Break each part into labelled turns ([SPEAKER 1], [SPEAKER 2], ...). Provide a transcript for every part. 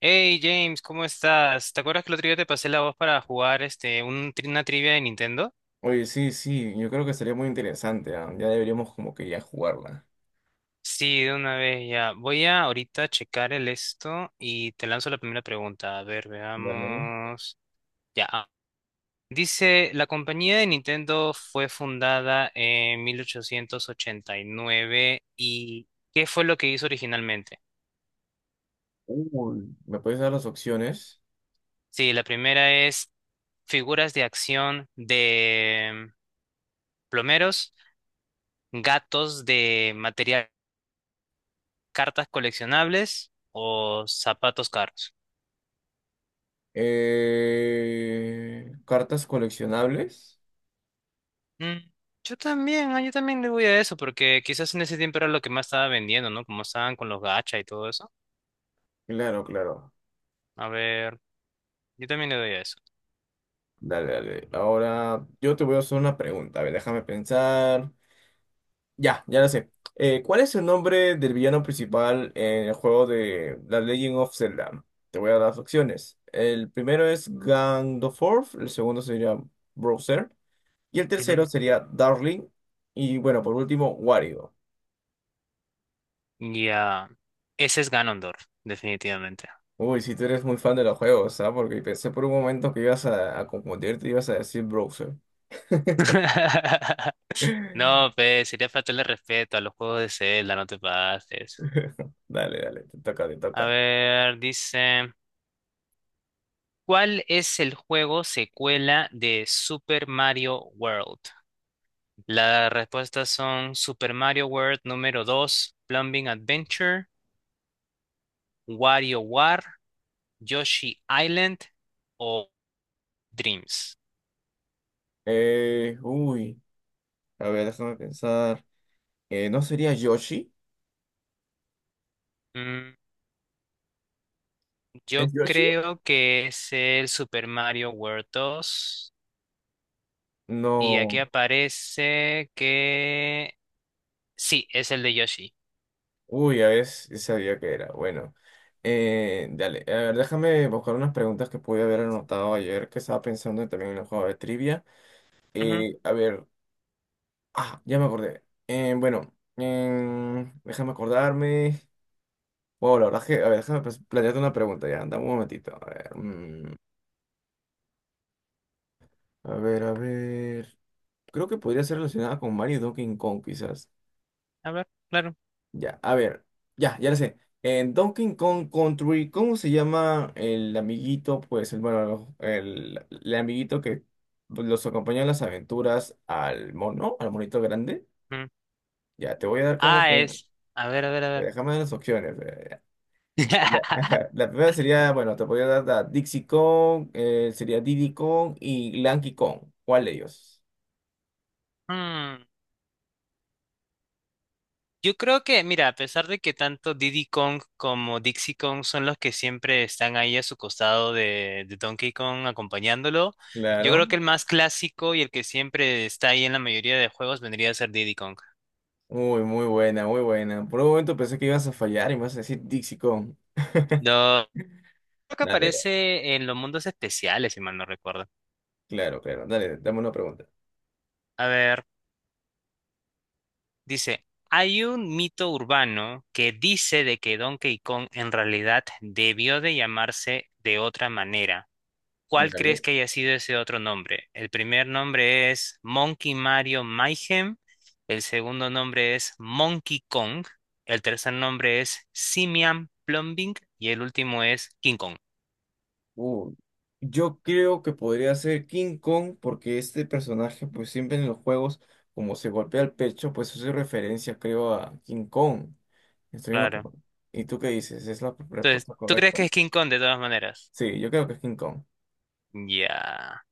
[SPEAKER 1] Hey James, ¿cómo estás? ¿Te acuerdas que el otro día te pasé la voz para jugar una trivia de Nintendo?
[SPEAKER 2] Oye, sí, sí, yo creo que sería muy interesante, ya deberíamos como que ya jugarla.
[SPEAKER 1] Sí, de una vez ya. Voy a ahorita checar el esto y te lanzo la primera pregunta. A ver,
[SPEAKER 2] Dale.
[SPEAKER 1] veamos. Ya. Ah. Dice, la compañía de Nintendo fue fundada en 1889 y nueve y ¿qué fue lo que hizo originalmente?
[SPEAKER 2] Uy, ¿me puedes dar las opciones?
[SPEAKER 1] Sí, la primera es figuras de acción de plomeros, gatos de material, cartas coleccionables o zapatos caros.
[SPEAKER 2] Cartas coleccionables.
[SPEAKER 1] Mm, yo también le voy a eso, porque quizás en ese tiempo era lo que más estaba vendiendo, ¿no? Como estaban con los gacha y todo eso.
[SPEAKER 2] Claro, claro.
[SPEAKER 1] A ver, yo también le doy a eso.
[SPEAKER 2] Dale, dale. Ahora yo te voy a hacer una pregunta. A ver, déjame pensar. Ya, ya la sé. ¿Cuál es el nombre del villano principal en el juego de The Legend of Zelda? Te voy a dar las opciones. El primero es Ganondorf, el segundo sería Browser. Y el
[SPEAKER 1] Ujú.
[SPEAKER 2] tercero sería Darling. Y bueno, por último, Wario.
[SPEAKER 1] Ya, ese es Ganondorf, definitivamente.
[SPEAKER 2] Uy, si tú eres muy fan de los juegos, ¿ah? Porque pensé por un momento que ibas a confundirte y ibas a decir browser.
[SPEAKER 1] No, pues, sería faltarle respeto a los juegos de Zelda, no te pases.
[SPEAKER 2] Dale, dale, te toca, te
[SPEAKER 1] A
[SPEAKER 2] toca.
[SPEAKER 1] ver, dice, ¿cuál es el juego secuela de Super Mario World? Las respuestas son Super Mario World número 2, Plumbing Adventure, WarioWare, Yoshi Island o Dreams.
[SPEAKER 2] Uy, a ver, déjame pensar. ¿No sería Yoshi?
[SPEAKER 1] Mm,
[SPEAKER 2] ¿Es
[SPEAKER 1] yo
[SPEAKER 2] Yoshi?
[SPEAKER 1] creo que es el Super Mario World 2 y aquí
[SPEAKER 2] No.
[SPEAKER 1] aparece que sí, es el de Yoshi.
[SPEAKER 2] Uy, a ver, sí sabía que era. Bueno, dale, a ver, déjame buscar unas preguntas que pude haber anotado ayer que estaba pensando también en el juego de trivia.
[SPEAKER 1] Ujú.
[SPEAKER 2] A ver. Ya me acordé. Bueno, déjame acordarme. Wow, la verdad es que, a ver, déjame pues, plantearte una pregunta ya, dame un momentito. A ver, a ver, a ver. Creo que podría ser relacionada con Mario y Donkey Kong, quizás.
[SPEAKER 1] A ver, claro.
[SPEAKER 2] Ya, a ver, ya, ya lo sé. En Donkey Kong Country, ¿cómo se llama el amiguito? Pues, bueno, el amiguito que pues, los acompaña en las aventuras al mono, al monito grande.
[SPEAKER 1] Mm.
[SPEAKER 2] Ya, te voy a dar como
[SPEAKER 1] Ah,
[SPEAKER 2] que-
[SPEAKER 1] es. A ver, a ver, a ver.
[SPEAKER 2] Déjame dar las opciones. Ajá, la primera sería, bueno, te podría dar la Dixie Kong, sería Diddy Kong y Lanky Kong. ¿Cuál de ellos?
[SPEAKER 1] Mm, Yo creo que, mira, a pesar de que tanto Diddy Kong como Dixie Kong son los que siempre están ahí a su costado de Donkey Kong acompañándolo, yo creo
[SPEAKER 2] Claro.
[SPEAKER 1] que el más clásico y el que siempre está ahí en la mayoría de juegos vendría a ser Diddy Kong.
[SPEAKER 2] Muy, muy buena, muy buena. Por un momento pensé que ibas a fallar y me vas a decir Dixie Kong.
[SPEAKER 1] Lo, Creo que
[SPEAKER 2] Dale,
[SPEAKER 1] aparece en los mundos especiales, si mal no recuerdo.
[SPEAKER 2] claro, claro. Dale, dame una pregunta.
[SPEAKER 1] A ver, dice, hay un mito urbano que dice de que Donkey Kong en realidad debió de llamarse de otra manera. ¿Cuál crees
[SPEAKER 2] Dale.
[SPEAKER 1] que haya sido ese otro nombre? El primer nombre es Monkey Mario Mayhem, el segundo nombre es Monkey Kong, el tercer nombre es Simian Plumbing y el último es King Kong.
[SPEAKER 2] Uh, yo creo que podría ser King Kong porque este personaje, pues siempre en los juegos, como se golpea el pecho, pues hace referencia, creo, a King Kong. Estoy en lo
[SPEAKER 1] Claro.
[SPEAKER 2] correcto. ¿Y tú qué dices? ¿Es la
[SPEAKER 1] Entonces,
[SPEAKER 2] respuesta
[SPEAKER 1] ¿tú crees
[SPEAKER 2] correcta?
[SPEAKER 1] que es King Kong de todas maneras?
[SPEAKER 2] Sí, yo creo que es King Kong.
[SPEAKER 1] Ya.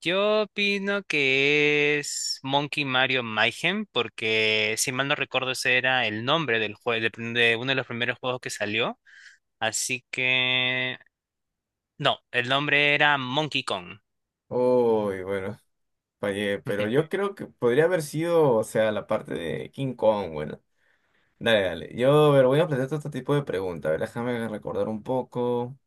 [SPEAKER 1] Yo opino que es Monkey Mario Mayhem porque, si mal no recuerdo, ese era el nombre del juego, de uno de los primeros juegos que salió. Así que no, el nombre era Monkey Kong.
[SPEAKER 2] Uy, bueno, fallé, pero yo creo que podría haber sido, o sea, la parte de King Kong, bueno. Dale, dale. Yo, a ver, voy a plantear otro tipo de preguntas. A ver, déjame recordar un poco.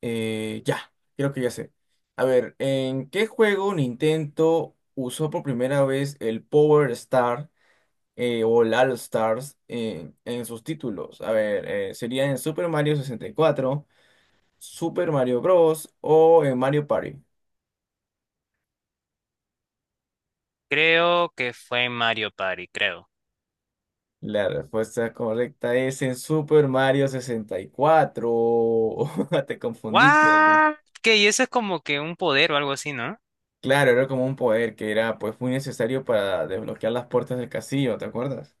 [SPEAKER 2] Ya, creo que ya sé. A ver, ¿en qué juego Nintendo usó por primera vez el Power Star o el All Stars en sus títulos? A ver, sería en Super Mario 64, Super Mario Bros. O en Mario Party.
[SPEAKER 1] Creo que fue en Mario Party, creo.
[SPEAKER 2] La respuesta correcta es en Super Mario 64. Te confundiste ahí.
[SPEAKER 1] ¿What? ¿Qué? Y eso es como que un poder o algo así, ¿no?
[SPEAKER 2] Claro, era como un poder que era pues muy necesario para desbloquear las puertas del castillo, ¿te acuerdas?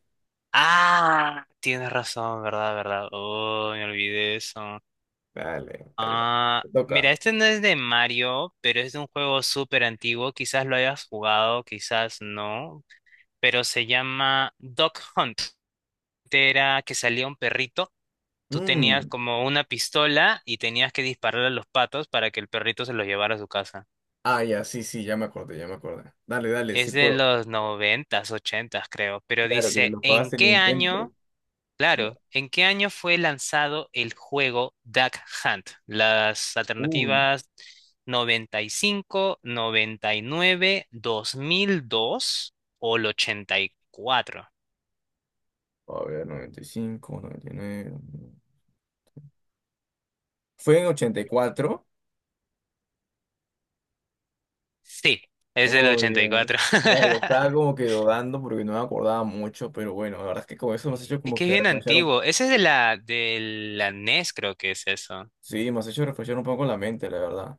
[SPEAKER 1] Ah, tienes razón, verdad, verdad. Oh, me olvidé eso.
[SPEAKER 2] Dale,
[SPEAKER 1] Ah,
[SPEAKER 2] te
[SPEAKER 1] mira,
[SPEAKER 2] toca.
[SPEAKER 1] este no es de Mario, pero es de un juego súper antiguo. Quizás lo hayas jugado, quizás no. Pero se llama Dog Hunt. Era que salía un perrito. Tú tenías
[SPEAKER 2] Mm.
[SPEAKER 1] como una pistola y tenías que disparar a los patos para que el perrito se los llevara a su casa.
[SPEAKER 2] Ya, sí, sí, ya me acordé, ya me acordé. Dale, dale, sí
[SPEAKER 1] Es de
[SPEAKER 2] puedo.
[SPEAKER 1] los noventas, ochentas, creo. Pero
[SPEAKER 2] Claro que
[SPEAKER 1] dice,
[SPEAKER 2] lo jugabas
[SPEAKER 1] ¿en
[SPEAKER 2] en
[SPEAKER 1] qué
[SPEAKER 2] Nintendo.
[SPEAKER 1] año? Claro, ¿en qué año fue lanzado el juego Duck Hunt? Las
[SPEAKER 2] Uy,
[SPEAKER 1] alternativas, noventa y cinco, 99, 2002 o el 84.
[SPEAKER 2] a ver, 95, 99. Fue en 84.
[SPEAKER 1] Sí, es el
[SPEAKER 2] Uy,
[SPEAKER 1] ochenta y cuatro.
[SPEAKER 2] vale, estaba como que dudando porque no me acordaba mucho, pero bueno, la verdad es que con eso me has hecho
[SPEAKER 1] Es
[SPEAKER 2] como
[SPEAKER 1] que es
[SPEAKER 2] que
[SPEAKER 1] bien
[SPEAKER 2] reflexionar un...
[SPEAKER 1] antiguo. Ese es de la NES, creo que es eso.
[SPEAKER 2] Sí, me has hecho reflexionar un poco en la mente, la verdad.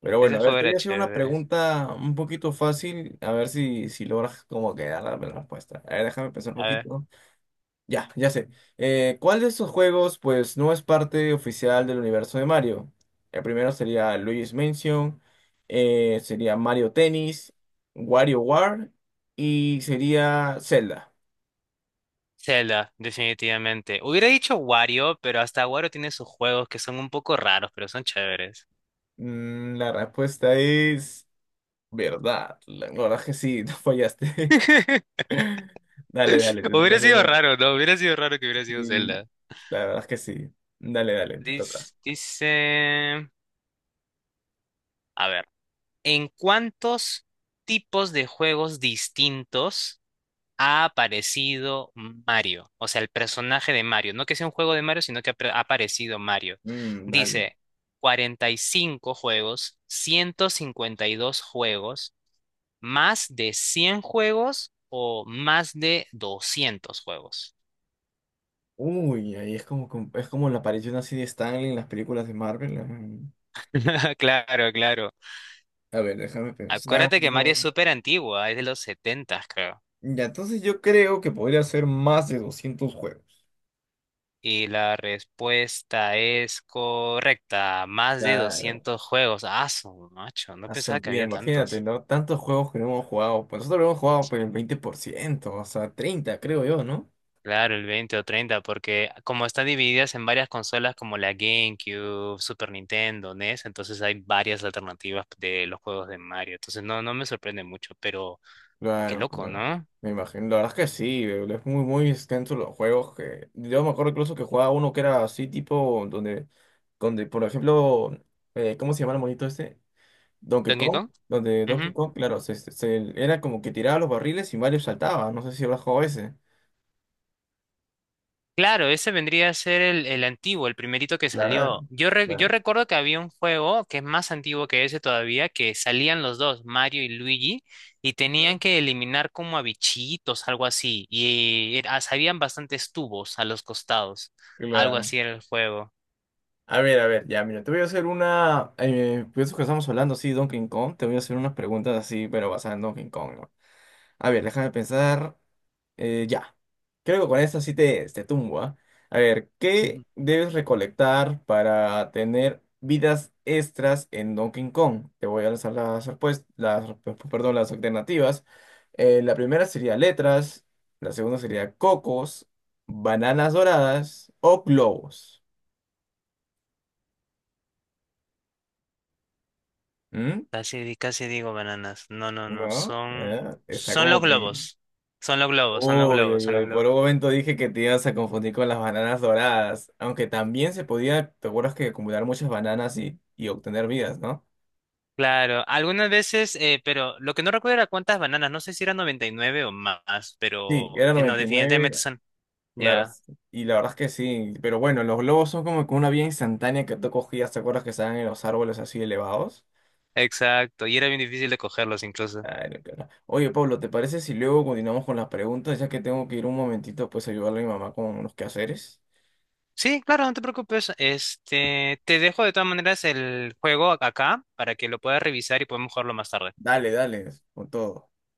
[SPEAKER 2] Pero bueno, a
[SPEAKER 1] Ese
[SPEAKER 2] ver,
[SPEAKER 1] juego
[SPEAKER 2] te voy
[SPEAKER 1] era
[SPEAKER 2] a hacer una
[SPEAKER 1] chévere.
[SPEAKER 2] pregunta un poquito fácil, a ver si logras como que dar la respuesta. A ver, déjame pensar un
[SPEAKER 1] A ver.
[SPEAKER 2] poquito. Ya, ya sé. ¿Cuál de estos juegos, pues, no es parte oficial del universo de Mario? El primero sería Luigi's Mansion, sería Mario Tennis, WarioWare y sería Zelda.
[SPEAKER 1] Zelda, definitivamente. Hubiera dicho Wario, pero hasta Wario tiene sus juegos que son un poco raros, pero son chéveres.
[SPEAKER 2] La respuesta es verdad. La verdad es que sí, no fallaste. Dale, dale, te toca
[SPEAKER 1] Hubiera
[SPEAKER 2] hacer
[SPEAKER 1] sido
[SPEAKER 2] una.
[SPEAKER 1] raro, ¿no? Hubiera sido raro que hubiera sido
[SPEAKER 2] Y
[SPEAKER 1] Zelda.
[SPEAKER 2] la verdad es que sí. Dale, dale, te toca.
[SPEAKER 1] Dice, a ver, ¿en cuántos tipos de juegos distintos ha aparecido Mario, o sea, el personaje de Mario, no que sea un juego de Mario, sino que ha aparecido Mario?
[SPEAKER 2] Mm, dale.
[SPEAKER 1] Dice 45 juegos, 152 juegos, más de 100 juegos o más de 200 juegos.
[SPEAKER 2] Uy, ahí es como, es como la aparición así de Stanley en las películas de Marvel. Mm.
[SPEAKER 1] Claro, claro.
[SPEAKER 2] A ver, déjame
[SPEAKER 1] Acuérdate que Mario es
[SPEAKER 2] pensarlo.
[SPEAKER 1] súper antigua, es de los 70, creo.
[SPEAKER 2] Ya, entonces yo creo que podría ser más de 200 juegos.
[SPEAKER 1] Y la respuesta es correcta, más de
[SPEAKER 2] Claro.
[SPEAKER 1] 200 juegos. Ah, su macho, no pensaba que
[SPEAKER 2] Mira,
[SPEAKER 1] había
[SPEAKER 2] imagínate,
[SPEAKER 1] tantos.
[SPEAKER 2] ¿no? Tantos juegos que no hemos jugado. Pues nosotros hemos jugado por el 20%, o sea, 30 creo yo, no.
[SPEAKER 1] Claro, el 20 o 30, porque como están divididas en varias consolas como la GameCube, Super Nintendo, NES, entonces hay varias alternativas de los juegos de Mario. Entonces no, no me sorprende mucho, pero qué
[SPEAKER 2] Claro,
[SPEAKER 1] loco,
[SPEAKER 2] claro.
[SPEAKER 1] ¿no?
[SPEAKER 2] Me imagino. La verdad es que sí, es muy, muy extenso los juegos que. Yo me acuerdo incluso que jugaba uno que era así, tipo, donde, por ejemplo, ¿cómo se llama el monito este? Donkey
[SPEAKER 1] Donkey
[SPEAKER 2] Kong,
[SPEAKER 1] Kong.
[SPEAKER 2] donde Donkey Kong, claro, era como que tiraba los barriles y Mario saltaba. No sé si habrás jugado ese.
[SPEAKER 1] Claro, ese vendría a ser el antiguo, el primerito que
[SPEAKER 2] Claro,
[SPEAKER 1] salió. Yo
[SPEAKER 2] bueno.
[SPEAKER 1] recuerdo que había un juego que es más antiguo que ese todavía, que salían los dos, Mario y Luigi, y
[SPEAKER 2] Ujú.
[SPEAKER 1] tenían que eliminar como a bichitos, algo así, y habían bastantes tubos a los costados, algo
[SPEAKER 2] Claro.
[SPEAKER 1] así era el juego.
[SPEAKER 2] A ver, ya, mira, te voy a hacer una. Pues eso que estamos hablando sí Donkey Kong, te voy a hacer unas preguntas así, pero basadas en Donkey Kong, ¿no? A ver, déjame pensar. Ya, creo que con esto sí te tumbo, ¿ah? A ver, ¿qué debes recolectar para tener vidas extras en Donkey Kong? Te voy a lanzar las respuestas, perdón, las alternativas. La primera sería letras, la segunda sería cocos, bananas doradas o globos. ¿Mm?
[SPEAKER 1] Casi digo bananas. No, no, no,
[SPEAKER 2] ¿No?
[SPEAKER 1] son,
[SPEAKER 2] ¿Eh? Está
[SPEAKER 1] son los
[SPEAKER 2] como que...
[SPEAKER 1] globos, son los globos, son los
[SPEAKER 2] Uy,
[SPEAKER 1] globos,
[SPEAKER 2] uy,
[SPEAKER 1] son los
[SPEAKER 2] uy, por
[SPEAKER 1] globos.
[SPEAKER 2] un momento dije que te ibas a confundir con las bananas doradas, aunque también se podía, te acuerdas que acumular muchas bananas y obtener vidas, ¿no?
[SPEAKER 1] Claro, algunas veces, pero lo que no recuerdo era cuántas bananas, no sé si eran 99 o más,
[SPEAKER 2] Sí,
[SPEAKER 1] pero
[SPEAKER 2] era
[SPEAKER 1] no, definitivamente
[SPEAKER 2] 99,
[SPEAKER 1] son.
[SPEAKER 2] claro,
[SPEAKER 1] Ya,
[SPEAKER 2] y la verdad es que sí, pero bueno, los globos son como que una vía instantánea que tú cogías, ¿te acuerdas que estaban en los árboles así elevados?
[SPEAKER 1] exacto, y era bien difícil de cogerlos incluso.
[SPEAKER 2] Claro, claro. Oye, Pablo, ¿te parece si luego continuamos con las preguntas, ya que tengo que ir un momentito pues a ayudarle a mi mamá con unos quehaceres?
[SPEAKER 1] Sí, claro, no te preocupes, te dejo de todas maneras el juego acá para que lo puedas revisar y podemos jugarlo más tarde.
[SPEAKER 2] Dale, dale, con todo.